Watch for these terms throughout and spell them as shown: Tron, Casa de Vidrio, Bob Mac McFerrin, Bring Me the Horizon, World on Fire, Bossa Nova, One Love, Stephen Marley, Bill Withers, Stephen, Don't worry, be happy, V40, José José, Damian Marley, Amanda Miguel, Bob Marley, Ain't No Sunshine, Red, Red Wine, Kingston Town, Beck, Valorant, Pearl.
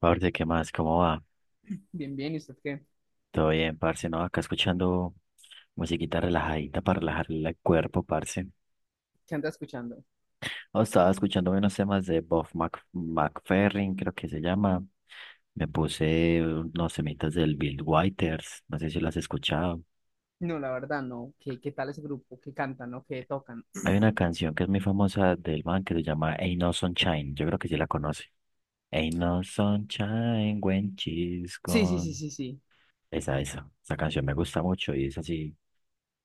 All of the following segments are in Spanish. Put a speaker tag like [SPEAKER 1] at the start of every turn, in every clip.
[SPEAKER 1] Parce, ¿qué más? ¿Cómo va?
[SPEAKER 2] Bien, bien, ¿y usted qué,
[SPEAKER 1] Todo bien, parce, ¿no? Acá escuchando musiquita relajadita para relajar el cuerpo, parce.
[SPEAKER 2] qué anda escuchando?
[SPEAKER 1] Oh, estaba escuchando unos temas de Bob Mac McFerrin, creo que se llama. Me puse unos semitas del Bill Withers, no sé si lo has escuchado.
[SPEAKER 2] No, la verdad, no. ¿Qué tal ese grupo? ¿Qué cantan o qué tocan?
[SPEAKER 1] Hay una canción que es muy famosa del man que se llama Ain't No Sunshine, yo creo que sí la conoce. Ain't No Sunshine When She's
[SPEAKER 2] Sí, sí, sí,
[SPEAKER 1] Gone.
[SPEAKER 2] sí, sí.
[SPEAKER 1] Esa canción me gusta mucho y es así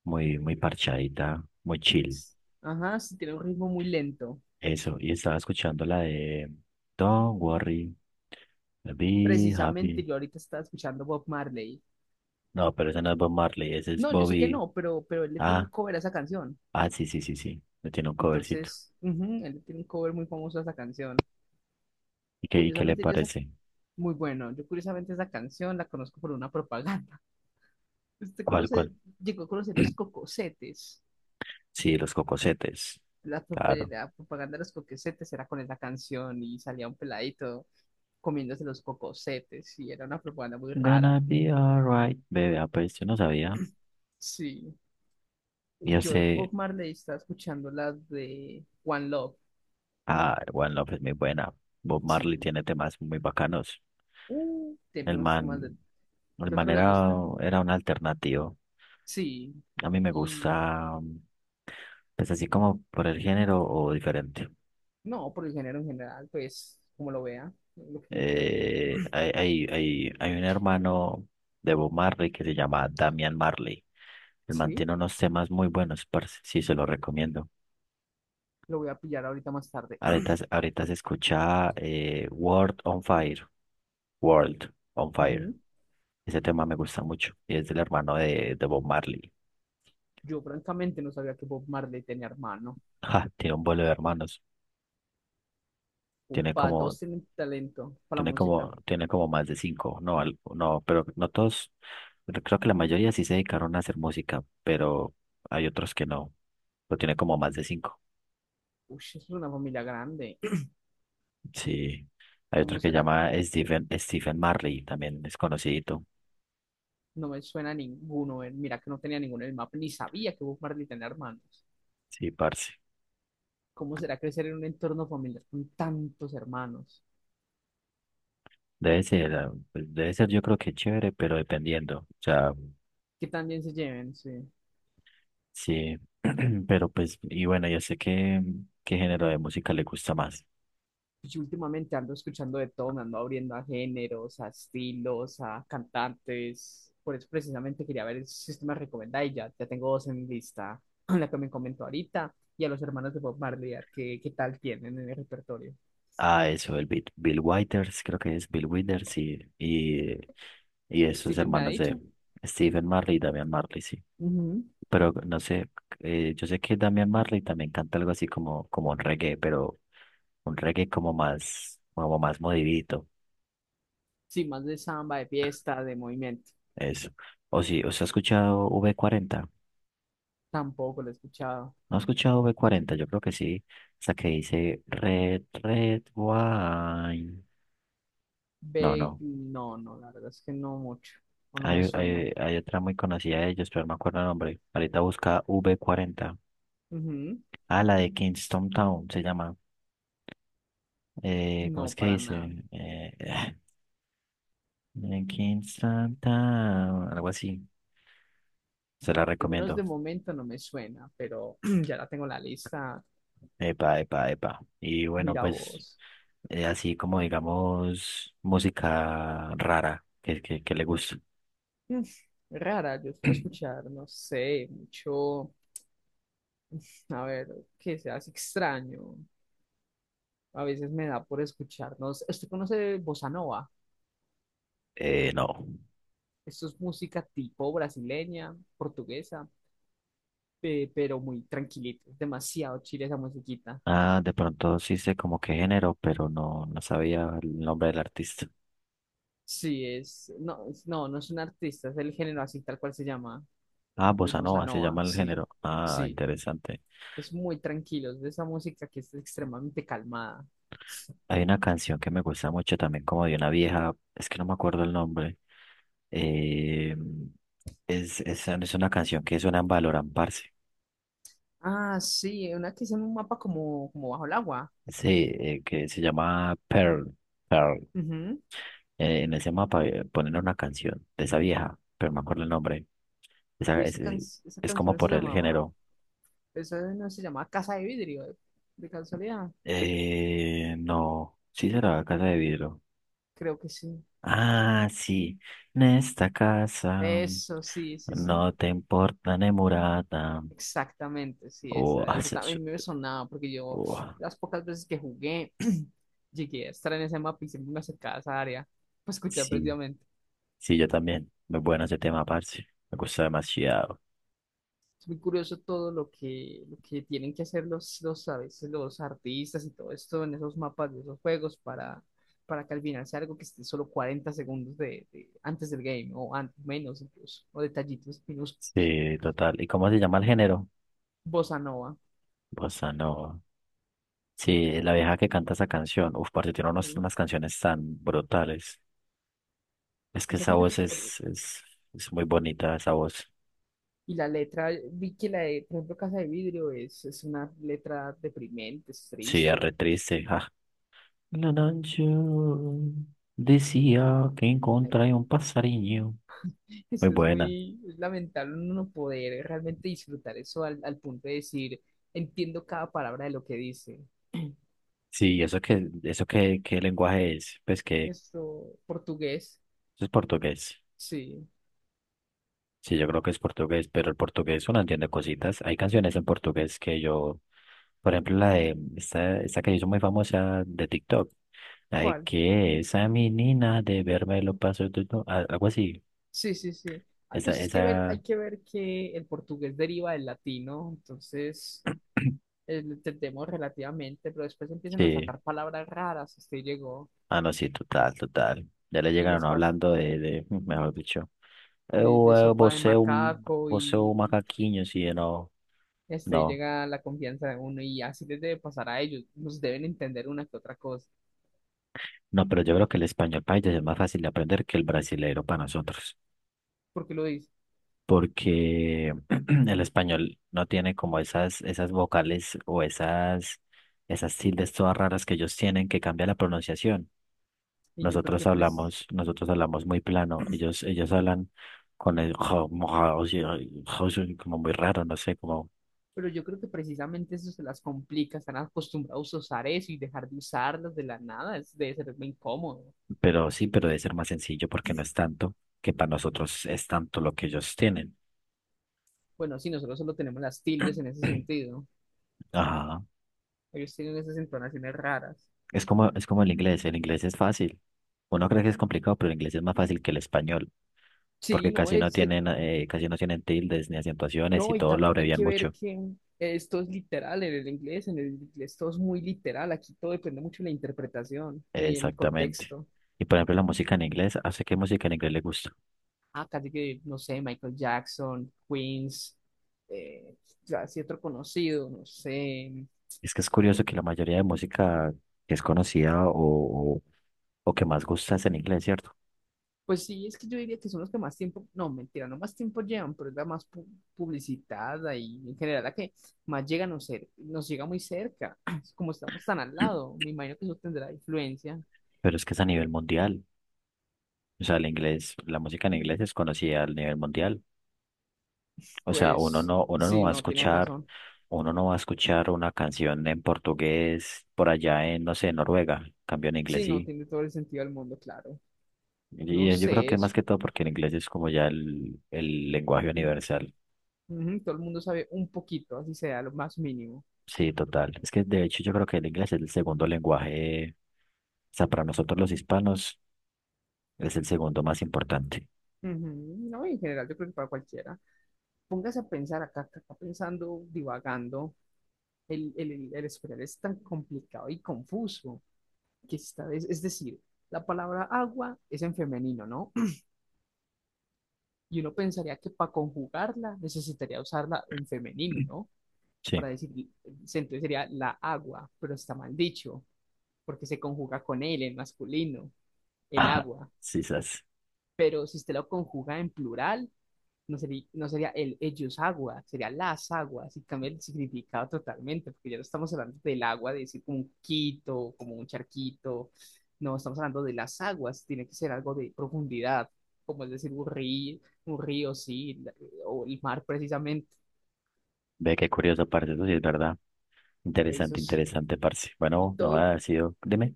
[SPEAKER 1] muy, muy parchadita, muy chill.
[SPEAKER 2] Ajá, sí, tiene un ritmo muy lento.
[SPEAKER 1] Eso, y estaba escuchando la de Don't Worry, Be
[SPEAKER 2] Precisamente
[SPEAKER 1] Happy.
[SPEAKER 2] yo ahorita estaba escuchando Bob Marley.
[SPEAKER 1] No, pero esa no es Bob Marley, ese es
[SPEAKER 2] No, yo sé que
[SPEAKER 1] Bobby.
[SPEAKER 2] no, pero él le tiene un
[SPEAKER 1] Ah,
[SPEAKER 2] cover a esa canción.
[SPEAKER 1] ah, sí, sí, sí, sí. Me tiene un covercito.
[SPEAKER 2] Entonces, ujú, él le tiene un cover muy famoso a esa canción.
[SPEAKER 1] Y qué le
[SPEAKER 2] Curiosamente, yo esa,
[SPEAKER 1] parece?
[SPEAKER 2] muy bueno. Yo curiosamente esa canción la conozco por una propaganda. ¿Usted
[SPEAKER 1] ¿Cuál,
[SPEAKER 2] conoce,
[SPEAKER 1] cuál?
[SPEAKER 2] ¿Llegó a conocer los cocosetes?
[SPEAKER 1] Sí, los cocosetes. Claro.
[SPEAKER 2] La propaganda de los cocosetes era con esa canción y salía un peladito comiéndose los cocosetes y era una propaganda muy rara.
[SPEAKER 1] Gonna be alright, bebé. Ah, pues yo no sabía.
[SPEAKER 2] Sí,
[SPEAKER 1] Yo
[SPEAKER 2] yo de
[SPEAKER 1] sé.
[SPEAKER 2] Bob Marley estaba escuchando las de One Love.
[SPEAKER 1] Ah, One Love es muy buena. Bob Marley
[SPEAKER 2] Sí,
[SPEAKER 1] tiene temas muy bacanos.
[SPEAKER 2] tiene
[SPEAKER 1] El
[SPEAKER 2] unos
[SPEAKER 1] man,
[SPEAKER 2] temas de...
[SPEAKER 1] el
[SPEAKER 2] ¿Qué
[SPEAKER 1] man
[SPEAKER 2] otro le
[SPEAKER 1] era,
[SPEAKER 2] gusta?
[SPEAKER 1] era un alternativo.
[SPEAKER 2] Sí,
[SPEAKER 1] A mí me
[SPEAKER 2] y
[SPEAKER 1] gusta, pues así como por el género o diferente.
[SPEAKER 2] no, por el género en general, pues como lo vea, lo que me quiera comentar.
[SPEAKER 1] Hay un hermano de Bob Marley que se llama Damian Marley. Él
[SPEAKER 2] Sí,
[SPEAKER 1] mantiene unos temas muy buenos, parce. Sí, se los recomiendo.
[SPEAKER 2] lo voy a pillar ahorita más tarde.
[SPEAKER 1] Ahorita se escucha World on Fire. World on Fire.
[SPEAKER 2] Ujú.
[SPEAKER 1] Ese tema me gusta mucho. Y es del hermano de Bob Marley.
[SPEAKER 2] Yo francamente no sabía que Bob Marley tenía hermano.
[SPEAKER 1] Ja, tiene un vuelo de hermanos. Tiene
[SPEAKER 2] Upa,
[SPEAKER 1] como
[SPEAKER 2] todos tienen talento para la
[SPEAKER 1] Tiene como,
[SPEAKER 2] música.
[SPEAKER 1] tiene como más de cinco. No, no, pero no todos. Pero creo que la mayoría sí se dedicaron a hacer música, pero hay otros que no. Pero tiene como más de cinco.
[SPEAKER 2] Uy, es una familia grande.
[SPEAKER 1] Sí. Hay otro
[SPEAKER 2] ¿Cómo
[SPEAKER 1] que
[SPEAKER 2] será?
[SPEAKER 1] llama Stephen, Stephen Marley, también es conocidito.
[SPEAKER 2] No me suena a ninguno. Mira que no tenía ninguno en el mapa, ni sabía que Bob Marley tenía hermanos.
[SPEAKER 1] Sí, parce.
[SPEAKER 2] ¿Cómo será crecer en un entorno familiar con tantos hermanos?
[SPEAKER 1] Debe ser yo creo que chévere, pero dependiendo. O sea,
[SPEAKER 2] Que también se lleven, sí.
[SPEAKER 1] sí. Pero pues, y bueno, yo sé que, ¿qué género de música le gusta más?
[SPEAKER 2] Pues yo últimamente ando escuchando de todo, me ando abriendo a géneros, a estilos, a cantantes. Por eso precisamente quería ver si usted me recomienda y ya tengo dos en lista, la que me comentó ahorita, y a los hermanos de Bob Marley, a ver qué tal tienen en el repertorio.
[SPEAKER 1] Ah, eso, el Bill Withers, creo que es Bill Withers y esos
[SPEAKER 2] Stephen me ha
[SPEAKER 1] hermanos de
[SPEAKER 2] dicho.
[SPEAKER 1] Stephen Marley y Damian Marley, sí.
[SPEAKER 2] Ujú.
[SPEAKER 1] Pero no sé, yo sé que Damian Marley también canta algo así como un reggae, pero un reggae como más modidito,
[SPEAKER 2] Sí, más de samba, de fiesta, de movimiento.
[SPEAKER 1] eso. O sí, ¿os ha escuchado v cuarenta
[SPEAKER 2] Tampoco lo he escuchado.
[SPEAKER 1] ¿No ha escuchado V40? Yo creo que sí, esa que dice Red, Red Wine. No,
[SPEAKER 2] Beck,
[SPEAKER 1] no,
[SPEAKER 2] no, la verdad es que no mucho. O no me
[SPEAKER 1] Hay,
[SPEAKER 2] suena.
[SPEAKER 1] hay, hay otra muy conocida de ellos, pero no me acuerdo el nombre. Ahorita busca V40.
[SPEAKER 2] Ujú.
[SPEAKER 1] Ah, la de Kingston Town se llama. ¿Cómo es
[SPEAKER 2] No,
[SPEAKER 1] que
[SPEAKER 2] para nada.
[SPEAKER 1] dice? Kingston Town, algo así. Se la
[SPEAKER 2] Al menos
[SPEAKER 1] recomiendo.
[SPEAKER 2] de momento no me suena, pero ya la tengo en la lista.
[SPEAKER 1] Epa, epa, epa. Y bueno,
[SPEAKER 2] Mira
[SPEAKER 1] pues
[SPEAKER 2] vos.
[SPEAKER 1] así como digamos música rara que le gusta.
[SPEAKER 2] Mm, Rara, yo suelo escuchar, no sé, mucho. A ver, que seas extraño. A veces me da por escucharnos. ¿Usted conoce Bossa Nova?
[SPEAKER 1] No.
[SPEAKER 2] Esto es música tipo brasileña, portuguesa. Pero muy tranquilito. Es demasiado chile esa musiquita.
[SPEAKER 1] Ah, de pronto sí sé como qué género, pero no, no sabía el nombre del artista.
[SPEAKER 2] Sí, no es un artista, es el género así tal cual se llama,
[SPEAKER 1] Ah,
[SPEAKER 2] el
[SPEAKER 1] bossa
[SPEAKER 2] bossa
[SPEAKER 1] nova se
[SPEAKER 2] nova,
[SPEAKER 1] llama el
[SPEAKER 2] sí,
[SPEAKER 1] género. Ah,
[SPEAKER 2] sí,
[SPEAKER 1] interesante.
[SPEAKER 2] es muy tranquilo, es de esa música que es extremadamente calmada.
[SPEAKER 1] Hay una canción que me gusta mucho también, como de una vieja, es que no me acuerdo el nombre. eh, es una canción que suena en Valorant, parce.
[SPEAKER 2] Ah, sí, una que es en un mapa como bajo el agua.
[SPEAKER 1] Sí, que se llama Pearl. Pearl.
[SPEAKER 2] Ujú.
[SPEAKER 1] En ese mapa ponen una canción de esa vieja, pero no me acuerdo el nombre. Esa,
[SPEAKER 2] Y esa, can- Esa
[SPEAKER 1] es
[SPEAKER 2] canción
[SPEAKER 1] como
[SPEAKER 2] no se
[SPEAKER 1] por el
[SPEAKER 2] llamaba,
[SPEAKER 1] género.
[SPEAKER 2] esa no se llamaba Casa de Vidrio, de casualidad,
[SPEAKER 1] No, sí será Casa de Vidrio.
[SPEAKER 2] creo que sí.
[SPEAKER 1] Ah, sí, en esta casa
[SPEAKER 2] Eso, sí, sí, sí.
[SPEAKER 1] no te importa ni murata.
[SPEAKER 2] Exactamente, sí,
[SPEAKER 1] O
[SPEAKER 2] esa. Yo también me sonaba porque yo
[SPEAKER 1] Oh,
[SPEAKER 2] las pocas veces que jugué llegué a estar en ese mapa y siempre me acercaba a esa área para escuchar
[SPEAKER 1] sí,
[SPEAKER 2] precisamente.
[SPEAKER 1] sí, yo también. Muy bueno ese tema, parce. Me gusta demasiado.
[SPEAKER 2] Es muy curioso todo lo que tienen que hacer a veces los artistas y todo esto en esos mapas de esos juegos para que al final sea algo que esté solo 40 segundos antes del game o menos incluso, o detallitos, menos
[SPEAKER 1] Sí, total. ¿Y cómo se llama el género?
[SPEAKER 2] bossa nova.
[SPEAKER 1] Bossa nova. Sí, la vieja que canta esa canción. Uf, parce, tiene
[SPEAKER 2] Ujú.
[SPEAKER 1] unas canciones tan brutales. Es que
[SPEAKER 2] Esa
[SPEAKER 1] esa
[SPEAKER 2] gente.
[SPEAKER 1] voz es muy bonita, esa voz.
[SPEAKER 2] Y la letra, vi que la de, por ejemplo, Casa de Vidrio es una letra deprimente, es
[SPEAKER 1] Sí, es
[SPEAKER 2] triste.
[SPEAKER 1] re triste. Ah. La noche decía que encontré un pasariño.
[SPEAKER 2] Es,
[SPEAKER 1] Muy
[SPEAKER 2] es
[SPEAKER 1] buena.
[SPEAKER 2] muy es lamentable uno no poder realmente disfrutar eso al punto de decir, entiendo cada palabra de lo que dice.
[SPEAKER 1] Sí, eso que qué lenguaje es? Pues que
[SPEAKER 2] Esto, portugués,
[SPEAKER 1] eso es portugués.
[SPEAKER 2] sí.
[SPEAKER 1] Sí, yo creo que es portugués, pero el portugués uno entiende cositas. Hay canciones en portugués que yo, por ejemplo, la de esta que hizo muy famosa de TikTok, la de
[SPEAKER 2] ¿Cuál?
[SPEAKER 1] que esa menina de verme lo paso tú", algo así.
[SPEAKER 2] Sí, sí, sí. A
[SPEAKER 1] Esa,
[SPEAKER 2] veces que ver,
[SPEAKER 1] esa,
[SPEAKER 2] hay que ver que el portugués deriva del latino, entonces lo entendemos relativamente, pero después empiezan a
[SPEAKER 1] sí.
[SPEAKER 2] sacar palabras raras. Usted llegó
[SPEAKER 1] Ah, no, sí, total, total. Ya le
[SPEAKER 2] y
[SPEAKER 1] llegaron
[SPEAKER 2] les pasa.
[SPEAKER 1] hablando de mejor dicho,
[SPEAKER 2] de,
[SPEAKER 1] eu,
[SPEAKER 2] de
[SPEAKER 1] eu,
[SPEAKER 2] sopa de
[SPEAKER 1] você é um,
[SPEAKER 2] macaco
[SPEAKER 1] você é um
[SPEAKER 2] y
[SPEAKER 1] macaquinho, sí, no,
[SPEAKER 2] este, ahí
[SPEAKER 1] no.
[SPEAKER 2] llega la confianza de uno y así les debe pasar a ellos, nos deben entender una que otra cosa,
[SPEAKER 1] No, pero yo creo que el español para ellos es más fácil de aprender que el brasileiro para nosotros.
[SPEAKER 2] porque lo dice,
[SPEAKER 1] Porque el español no tiene como esas vocales o esas tildes todas raras que ellos tienen que cambia la pronunciación.
[SPEAKER 2] y yo creo
[SPEAKER 1] Nosotros
[SPEAKER 2] que pres-
[SPEAKER 1] hablamos, nosotros hablamos muy plano, ellos hablan con el como muy raro, no sé, como,
[SPEAKER 2] pero yo creo que precisamente eso se las complica, están acostumbrados a usar eso y dejar de usarlas de la nada, es, debe ser muy incómodo.
[SPEAKER 1] pero sí, pero debe ser más sencillo porque no es tanto, que para nosotros es tanto lo que ellos tienen.
[SPEAKER 2] Bueno, sí, nosotros solo tenemos las tildes en ese sentido, ¿no?
[SPEAKER 1] Ajá.
[SPEAKER 2] Ellos tienen esas entonaciones raras.
[SPEAKER 1] Es como el inglés es fácil. Uno cree que es complicado, pero el inglés es más fácil que el español.
[SPEAKER 2] Sí,
[SPEAKER 1] Porque
[SPEAKER 2] no, es,
[SPEAKER 1] casi no tienen tildes ni acentuaciones y
[SPEAKER 2] No, y
[SPEAKER 1] todo lo
[SPEAKER 2] también hay
[SPEAKER 1] abrevian
[SPEAKER 2] que ver
[SPEAKER 1] mucho.
[SPEAKER 2] que esto es literal en el inglés todo es muy literal, aquí todo depende mucho de la interpretación y el
[SPEAKER 1] Exactamente.
[SPEAKER 2] contexto.
[SPEAKER 1] Y por ejemplo, la música en inglés, ¿a usted qué música en inglés le gusta?
[SPEAKER 2] Ah, casi que, no sé, Michael Jackson, Queens, eh, ya así otro conocido, no sé.
[SPEAKER 1] Es que es curioso que la mayoría de música que es conocida o, o que más gusta es en inglés, ¿cierto?
[SPEAKER 2] Pues sí, es que yo diría que son los que más tiempo, no, mentira, no más tiempo llevan, pero es la más publicitada y en general la que más llega a nos llega muy cerca, como estamos tan al lado, me imagino que eso tendrá influencia,
[SPEAKER 1] Pero es que es a nivel mundial. O sea, el inglés, la música en inglés es conocida a nivel mundial. O sea,
[SPEAKER 2] pues
[SPEAKER 1] uno no
[SPEAKER 2] sí,
[SPEAKER 1] va a
[SPEAKER 2] no, tienes
[SPEAKER 1] escuchar,
[SPEAKER 2] razón.
[SPEAKER 1] uno no va a escuchar una canción en portugués por allá en, no sé, Noruega. Cambio en inglés
[SPEAKER 2] Sí, no,
[SPEAKER 1] sí.
[SPEAKER 2] tiene todo el sentido del mundo, claro. No
[SPEAKER 1] Y yo creo
[SPEAKER 2] sé,
[SPEAKER 1] que más
[SPEAKER 2] es-
[SPEAKER 1] que todo porque el inglés es como ya el lenguaje
[SPEAKER 2] Sí,
[SPEAKER 1] universal.
[SPEAKER 2] ujú, todo el mundo sabe un poquito, así sea, lo más mínimo.
[SPEAKER 1] Sí, total. Es que de hecho yo creo que el inglés es el segundo lenguaje, o sea, para nosotros los hispanos es el segundo más importante.
[SPEAKER 2] Ujú. No, en general, yo creo que para cualquiera. Póngase a pensar acá pensando, divagando. El español es tan complicado y confuso que esta vez, es decir, la palabra agua es en femenino, ¿no? Y uno pensaría que para conjugarla necesitaría usarla en femenino, ¿no?
[SPEAKER 1] Sí.
[SPEAKER 2] Para decir, entonces sería la agua, pero está mal dicho. Porque se conjuga con él en masculino, el
[SPEAKER 1] Ajá.
[SPEAKER 2] agua.
[SPEAKER 1] Sí, sas.
[SPEAKER 2] Pero si usted lo conjuga en plural, no sería el ellos agua, sería las aguas, y cambia el significado totalmente, porque ya no estamos hablando del agua, de decir como un quito, como un charquito, no, estamos hablando de las aguas, tiene que ser algo de profundidad, como es decir un río, sí, o el mar precisamente,
[SPEAKER 1] Ve qué curioso, parce, eso sí es verdad.
[SPEAKER 2] eso
[SPEAKER 1] Interesante,
[SPEAKER 2] es,
[SPEAKER 1] interesante, parce.
[SPEAKER 2] y
[SPEAKER 1] Bueno, no
[SPEAKER 2] todo,
[SPEAKER 1] ha sido, dime,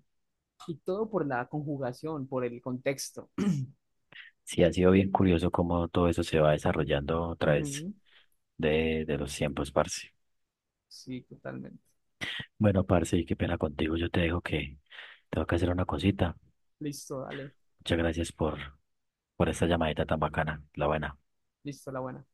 [SPEAKER 2] y todo por la conjugación, por el contexto.
[SPEAKER 1] sí ha sido bien curioso cómo todo eso se va desarrollando a través
[SPEAKER 2] Ujú.
[SPEAKER 1] de los tiempos, parce.
[SPEAKER 2] Sí, totalmente.
[SPEAKER 1] Bueno, parce, y qué pena contigo, yo te dejo que tengo que hacer una cosita.
[SPEAKER 2] Listo, dale.
[SPEAKER 1] Muchas gracias por esa llamadita tan bacana, la buena.
[SPEAKER 2] Listo, la buena.